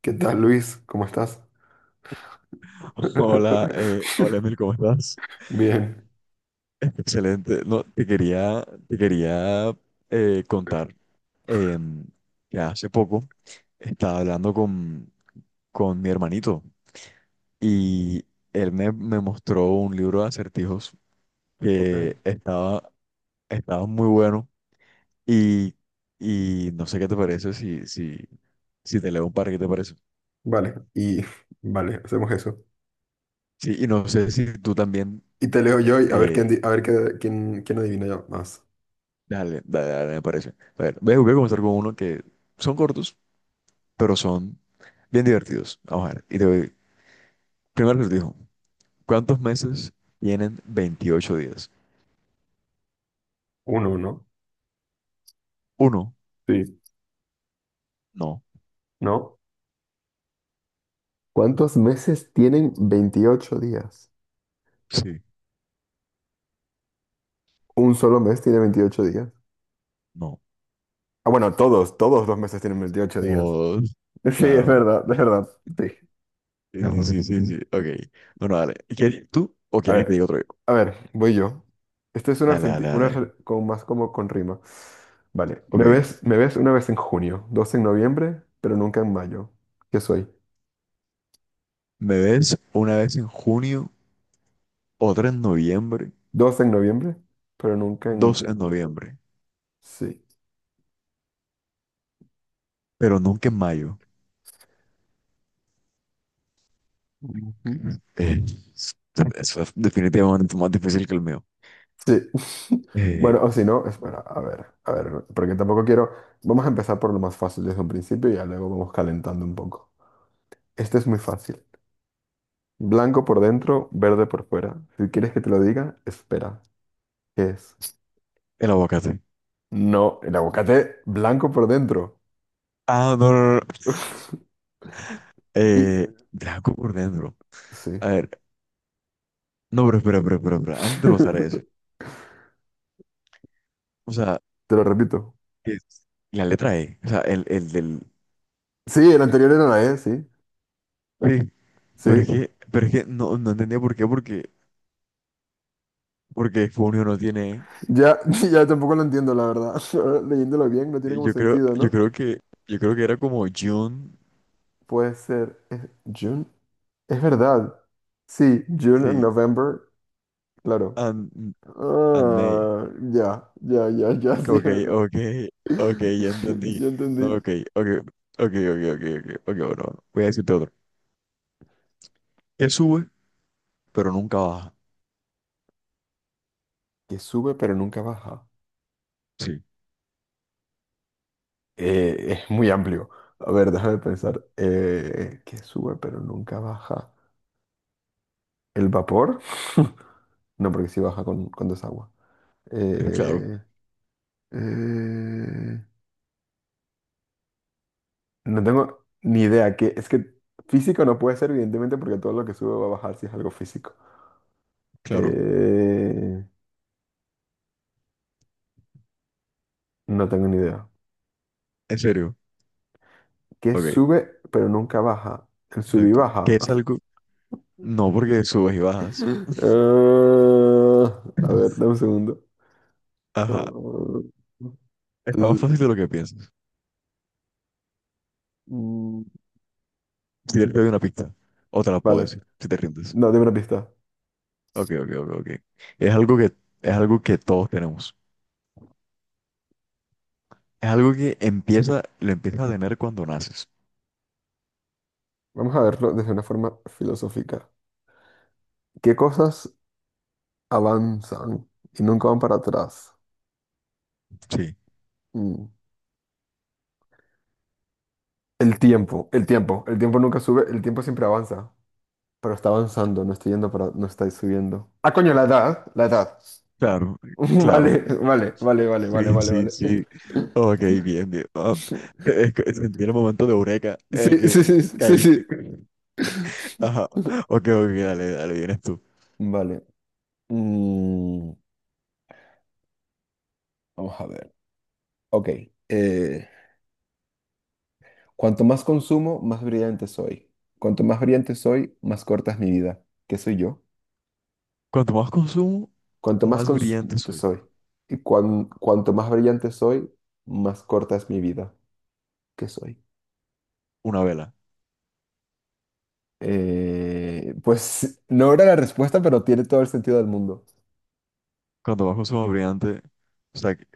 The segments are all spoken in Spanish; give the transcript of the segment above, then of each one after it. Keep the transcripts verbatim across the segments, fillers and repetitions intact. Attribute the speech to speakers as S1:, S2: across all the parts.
S1: ¿Qué tal, Luis? ¿Cómo estás?
S2: Hola, eh, hola Emil, ¿cómo estás?
S1: Bien.
S2: Excelente. No, te quería, te quería eh, contar em, que hace poco estaba hablando con, con mi hermanito y él me, me mostró un libro de acertijos
S1: Ok.
S2: que estaba, estaba muy bueno y, y no sé qué te parece si, si, si te leo un par, ¿qué te parece?
S1: Vale, y vale, hacemos eso.
S2: Sí, y no sé si tú también,
S1: Y te leo yo y a ver quién,
S2: eh,
S1: di- a ver qué- quién, quién adivina ya más.
S2: dale, dale, dale, me parece. A ver, voy a voy a comenzar con uno que son cortos pero son bien divertidos. Vamos a ver. Y te doy. Primero les digo, ¿cuántos meses tienen veintiocho días?
S1: Uno, ¿no?
S2: Uno,
S1: Sí.
S2: no,
S1: ¿No? ¿Cuántos meses tienen veintiocho días?
S2: sí,
S1: Un solo mes tiene veintiocho días.
S2: no.
S1: Ah, bueno, todos, todos los meses tienen veintiocho días.
S2: Dos,
S1: Sí, es
S2: claro.
S1: verdad, es verdad. Sí.
S2: Sí, sí, sí, sí, sí. Ok. Bueno, dale. ¿Quieres? ¿Tú o
S1: A
S2: quieres que te
S1: ver.
S2: diga otro yo?
S1: A ver, voy yo. Este es una,
S2: Dale, dale,
S1: una
S2: dale.
S1: re- Con más como con rima. Vale, me
S2: Ok.
S1: ves, me ves una vez en junio, dos en noviembre, pero nunca en mayo. ¿Qué soy?
S2: Me ves una vez en junio, otra en noviembre,
S1: Dos en noviembre, pero nunca en
S2: dos en
S1: mayo.
S2: noviembre,
S1: Sí.
S2: pero nunca en mayo.
S1: Ujú.
S2: Eh, eso es definitivamente más difícil que el mío.
S1: Sí. Bueno,
S2: Eh,
S1: o si no,
S2: Bueno.
S1: espera, a ver, a ver, porque tampoco quiero. Vamos a empezar por lo más fácil desde un principio y ya luego vamos calentando un poco. Este es muy fácil. Blanco por dentro, verde por fuera. Si quieres que te lo diga, espera. ¿Qué es?
S2: El aguacate.
S1: No, el aguacate blanco por dentro.
S2: Ah, no, no, no.
S1: Y-
S2: Eh, Draco por dentro.
S1: Sí.
S2: A ver, no, pero espera, espera, espera, espera. Antes de pasar a eso. O sea,
S1: Te lo repito.
S2: es la letra E. O sea, el, el del.
S1: Sí, el anterior era la E, sí.
S2: Sí, pero es
S1: Sí.
S2: que, pero es que no, no entendía por qué, porque, porque Funio no tiene E.
S1: Ya, ya tampoco lo entiendo, la verdad. Ahora, leyéndolo bien, no tiene
S2: Y
S1: como
S2: Yo creo,
S1: sentido,
S2: yo
S1: ¿no?
S2: creo que, yo creo que era como June,
S1: Puede ser. Es June. Es verdad. Sí, June and
S2: sí,
S1: November. Claro.
S2: and, and May.
S1: Ah, ya, ya, ya, ya, sí, es
S2: Ok,
S1: verdad.
S2: ok, ok, ya entendí.
S1: Ya
S2: No,
S1: entendí.
S2: ok, ok, ok, ok, ok, ok, ok, bueno, voy a decirte otro. Que sube, pero nunca baja.
S1: Que sube pero nunca baja.
S2: Sí,
S1: Eh, es muy amplio. A ver, déjame pensar. Eh, que sube pero nunca baja. ¿El vapor? No, porque sí baja con, con desagua.
S2: claro,
S1: Eh, eh, no tengo ni idea. Que, es que físico no puede ser, evidentemente, porque todo lo que sube va a bajar si es algo físico.
S2: claro.
S1: Eh, no tengo ni idea.
S2: En serio.
S1: ¿Qué
S2: Ok.
S1: sube pero nunca baja? El sub y
S2: Exacto.
S1: baja.
S2: Que es algo. No, porque subes y bajas.
S1: Eh, a ver, dame un segundo.
S2: Ajá.
S1: Eh,
S2: Es más fácil de lo que piensas.
S1: mm,
S2: Si te doy una pista, o te la puedo
S1: Vale.
S2: decir, si te rindes.
S1: No, dime una pista.
S2: Ok, ok, ok, ok. Es algo que, es algo que todos tenemos. Es algo que empieza, lo empiezas a tener cuando naces.
S1: Vamos a verlo desde una forma filosófica. ¿Qué cosas avanzan y nunca van para atrás?
S2: Sí,
S1: Mm. El tiempo, el tiempo. El tiempo nunca sube, el tiempo siempre avanza, pero está avanzando, no está yendo para, no está subiendo. Ah, coño, la edad, la edad.
S2: claro, claro.
S1: Vale, vale, vale, vale, vale,
S2: Sí,
S1: vale,
S2: sí,
S1: vale.
S2: sí. Ok, bien, bien. Ah, es que sentí el momento de eureka en
S1: Sí,
S2: el que
S1: sí, sí, sí,
S2: caíste.
S1: sí.
S2: Ajá. Ok, ok, dale, dale, vienes tú.
S1: Vale. Mm, vamos a ver. Ok. eh, Cuanto más consumo, más brillante soy. Cuanto más brillante soy, más corta es mi vida. ¿Qué soy yo?
S2: Cuanto más consumo,
S1: Cuanto más
S2: más brillante
S1: consumo
S2: soy.
S1: soy. Y cuan- cuanto más brillante soy, más corta es mi vida. ¿Qué soy?
S2: Una vela.
S1: Eh, pues no era la respuesta, pero tiene todo el sentido del mundo.
S2: Cuando bajo su brillante, o sea, que,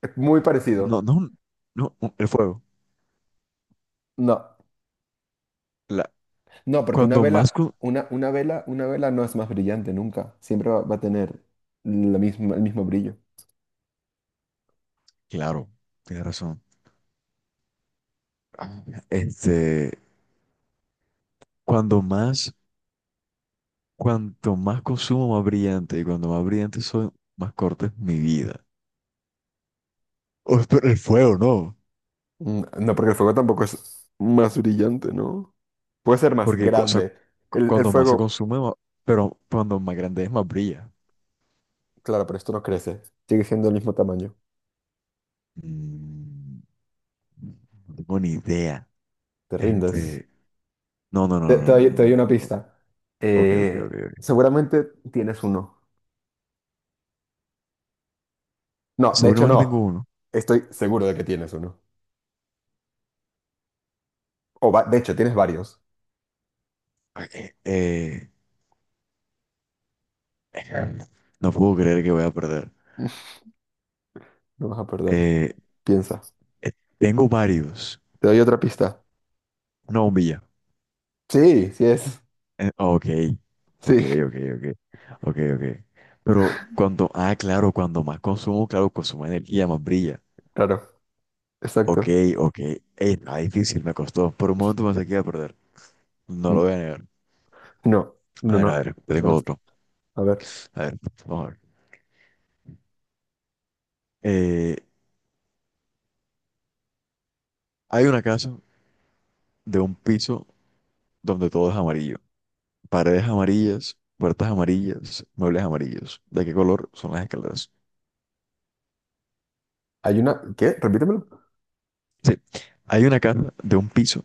S1: Es muy
S2: eh,
S1: parecido.
S2: no, no, no, un- el fuego.
S1: No,
S2: La,
S1: no, porque una
S2: cuando más,
S1: vela,
S2: cu-
S1: una, una vela, una vela no es más brillante nunca. Siempre va, va a tener la misma, el mismo brillo.
S2: claro, tienes razón. Ah, Este, cuando más, cuanto más consumo, más brillante, y cuando más brillante soy, más corta es mi vida. O, pero el fuego, no,
S1: Mm, no, porque el fuego tampoco es más brillante, ¿no? Puede ser más
S2: porque, cu- o sea,
S1: grande.
S2: cu-
S1: El, el
S2: cuando más se
S1: fuego,
S2: consume, ma- pero cuando más grande es, más brilla.
S1: claro, pero esto no crece. Sigue siendo el mismo tamaño.
S2: Mm, no tengo ni idea.
S1: Te rindes.
S2: Este, no, no, no,
S1: Te, te
S2: no, no,
S1: doy,
S2: no,
S1: te doy una
S2: no, no.
S1: pista.
S2: Ok, ok, ok,
S1: Eh,
S2: ok.
S1: seguramente tienes uno. No, de hecho
S2: Seguramente tengo
S1: no.
S2: uno.
S1: Estoy seguro de que tienes uno. O va- de hecho, tienes varios.
S2: Ah, Eh, eh, no puedo creer que voy a perder.
S1: No vas a perder.
S2: Eh,
S1: Piensa.
S2: eh, tengo varios.
S1: Te doy otra pista.
S2: Una bombilla.
S1: Sí, sí es.
S2: Eh, ok, ok,
S1: Sí,
S2: ok, ok, ok, ok. Pero cuando, ah, claro, cuando más consumo, claro, consumo energía, más brilla.
S1: claro.
S2: Ok,
S1: Exacto.
S2: ok. Ey, está difícil, me costó. Por un momento pensé que iba a perder. No lo
S1: N-
S2: voy a negar.
S1: No,
S2: A
S1: no,
S2: ver, a
S1: no.
S2: ver, yo tengo
S1: Ganaste.
S2: otro.
S1: A ver.
S2: A ver, vamos a ver. Eh, hay una casa de un piso donde todo es amarillo. Paredes amarillas, puertas amarillas, muebles amarillos. ¿De qué color son las escaleras?
S1: Hay una... ¿Qué? Repítemelo.
S2: Sí, hay una casa de un piso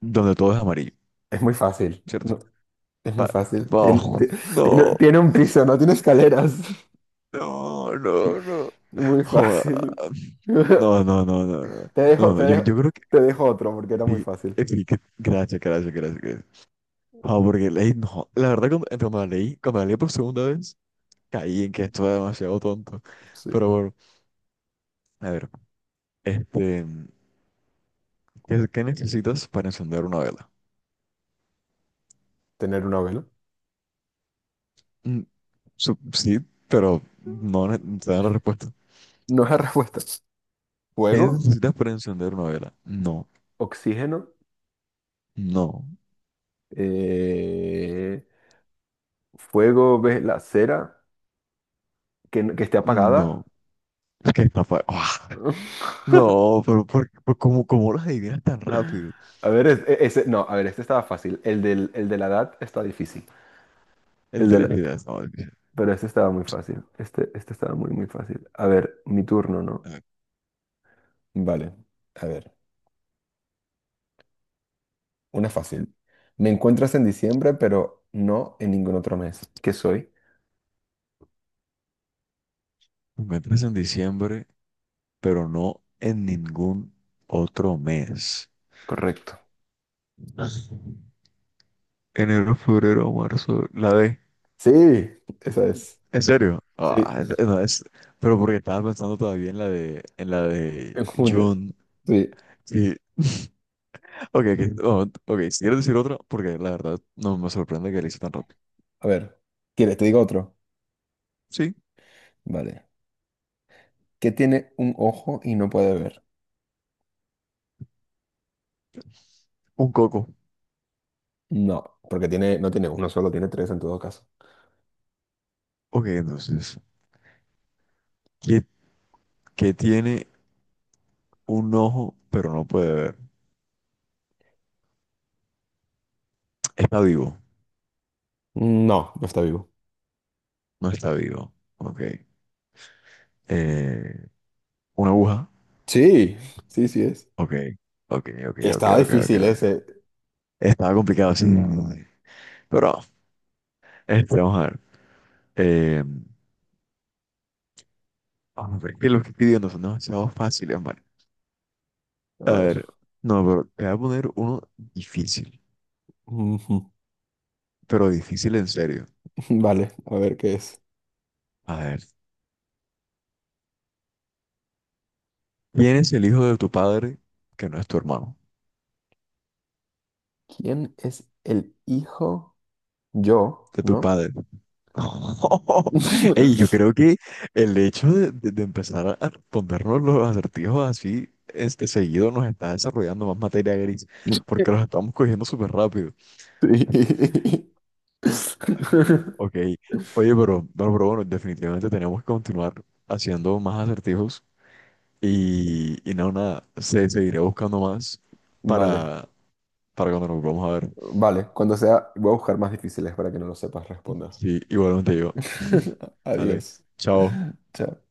S2: donde todo es amarillo,
S1: Es muy fácil.
S2: ¿cierto?
S1: No, es muy
S2: Pa-
S1: fácil. Tiene,
S2: oh,
S1: ti- tiene-
S2: no,
S1: tiene un piso, no tiene escaleras.
S2: no, no, no.
S1: Muy
S2: Joda.
S1: fácil.
S2: No, no, no, no, no.
S1: Te
S2: No,
S1: dejo,
S2: no,
S1: te
S2: no, yo,
S1: dejo,
S2: yo creo que
S1: Te dejo otro porque era muy
S2: sí,
S1: fácil.
S2: eh, sí, que. Gracias, gracias, gracias, gracias. Ah, porque leí, no, la verdad cuando, eh, cuando la leí, cuando la leí por segunda vez, caí en que esto era demasiado tonto.
S1: Sí,
S2: Pero bueno, a ver, este. ¿Qué, qué necesitas para encender una vela?
S1: tener una vela.
S2: Mm, su- sí, pero no ne- no te da la respuesta.
S1: No es la respuesta.
S2: ¿Qué
S1: Fuego,
S2: necesitas para encender una vela? No,
S1: oxígeno,
S2: no,
S1: eh, fuego, ves la cera que, n- que esté
S2: no.
S1: apagada.
S2: Es que está fa- ¡ah! No, pero ¿por, por cómo, cómo las adivinas tan rápido?
S1: A ver, es- e- ese, no, a ver, este estaba fácil. El del, el de la edad está difícil.
S2: El
S1: El
S2: de
S1: de
S2: la
S1: la-
S2: vida. No, es que
S1: pero este estaba muy
S2: sí.
S1: fácil. Este, este estaba muy, muy fácil. A ver, mi turno, ¿no?
S2: A ver,
S1: Vale, a ver. Una fácil. Me encuentras en diciembre, pero no en ningún otro mes. ¿Qué soy?
S2: me entras en diciembre, pero no en ningún otro mes.
S1: Correcto.
S2: Enero, febrero, marzo, la D.
S1: Sí, esa es.
S2: ¿En serio?
S1: Sí,
S2: Ah, es- no, es- pero porque estaba pensando todavía en la de, en la de
S1: en junio.
S2: June.
S1: Sí.
S2: Sí. Ok, ok, no, ok, si quieres decir otra, porque la verdad no me sorprende que le hice tan rápido.
S1: A ver, ¿quieres? Te digo otro.
S2: Sí,
S1: Vale. ¿Qué tiene un ojo y no puede ver?
S2: un coco.
S1: No, porque tiene, no tiene uno solo, tiene tres en todo caso.
S2: Ok, entonces, ¿qué, qué tiene un ojo pero no puede ver? Está vivo,
S1: No, no está vivo.
S2: no está vivo. Ok. Eh, una aguja.
S1: Sí, sí, sí es.
S2: Ok, ok, ok, ok,
S1: Estaba
S2: ok, ok,
S1: difícil
S2: ok.
S1: ese.
S2: Estaba complicado, sí. Pero, este, vamos a ver. Eh, Hombre, que los que pidió no son demasiado fáciles, man. A
S1: A ver.
S2: ver, no, pero te voy a poner uno difícil,
S1: Ujú.
S2: pero difícil en serio.
S1: Vale, a ver qué es.
S2: A ver, ¿quién es el hijo de tu padre que no es tu hermano?
S1: ¿Quién es el hijo? Yo,
S2: De tu
S1: ¿no?
S2: padre. Ey, yo creo que el hecho de, de- de empezar a respondernos los acertijos así este seguido nos está desarrollando más materia gris, porque los estamos cogiendo súper rápido.
S1: Sí.
S2: Así como, ok, oye, pero, pero, pero bueno, definitivamente tenemos que continuar haciendo más acertijos. Y, y no, nada, se seguiré buscando más
S1: Vale,
S2: para, para cuando nos vamos a ver.
S1: vale. Cuando sea, voy a buscar más difíciles para que no lo sepas responder.
S2: Sí, igualmente yo. Dale,
S1: Adiós.
S2: chao.
S1: Chao.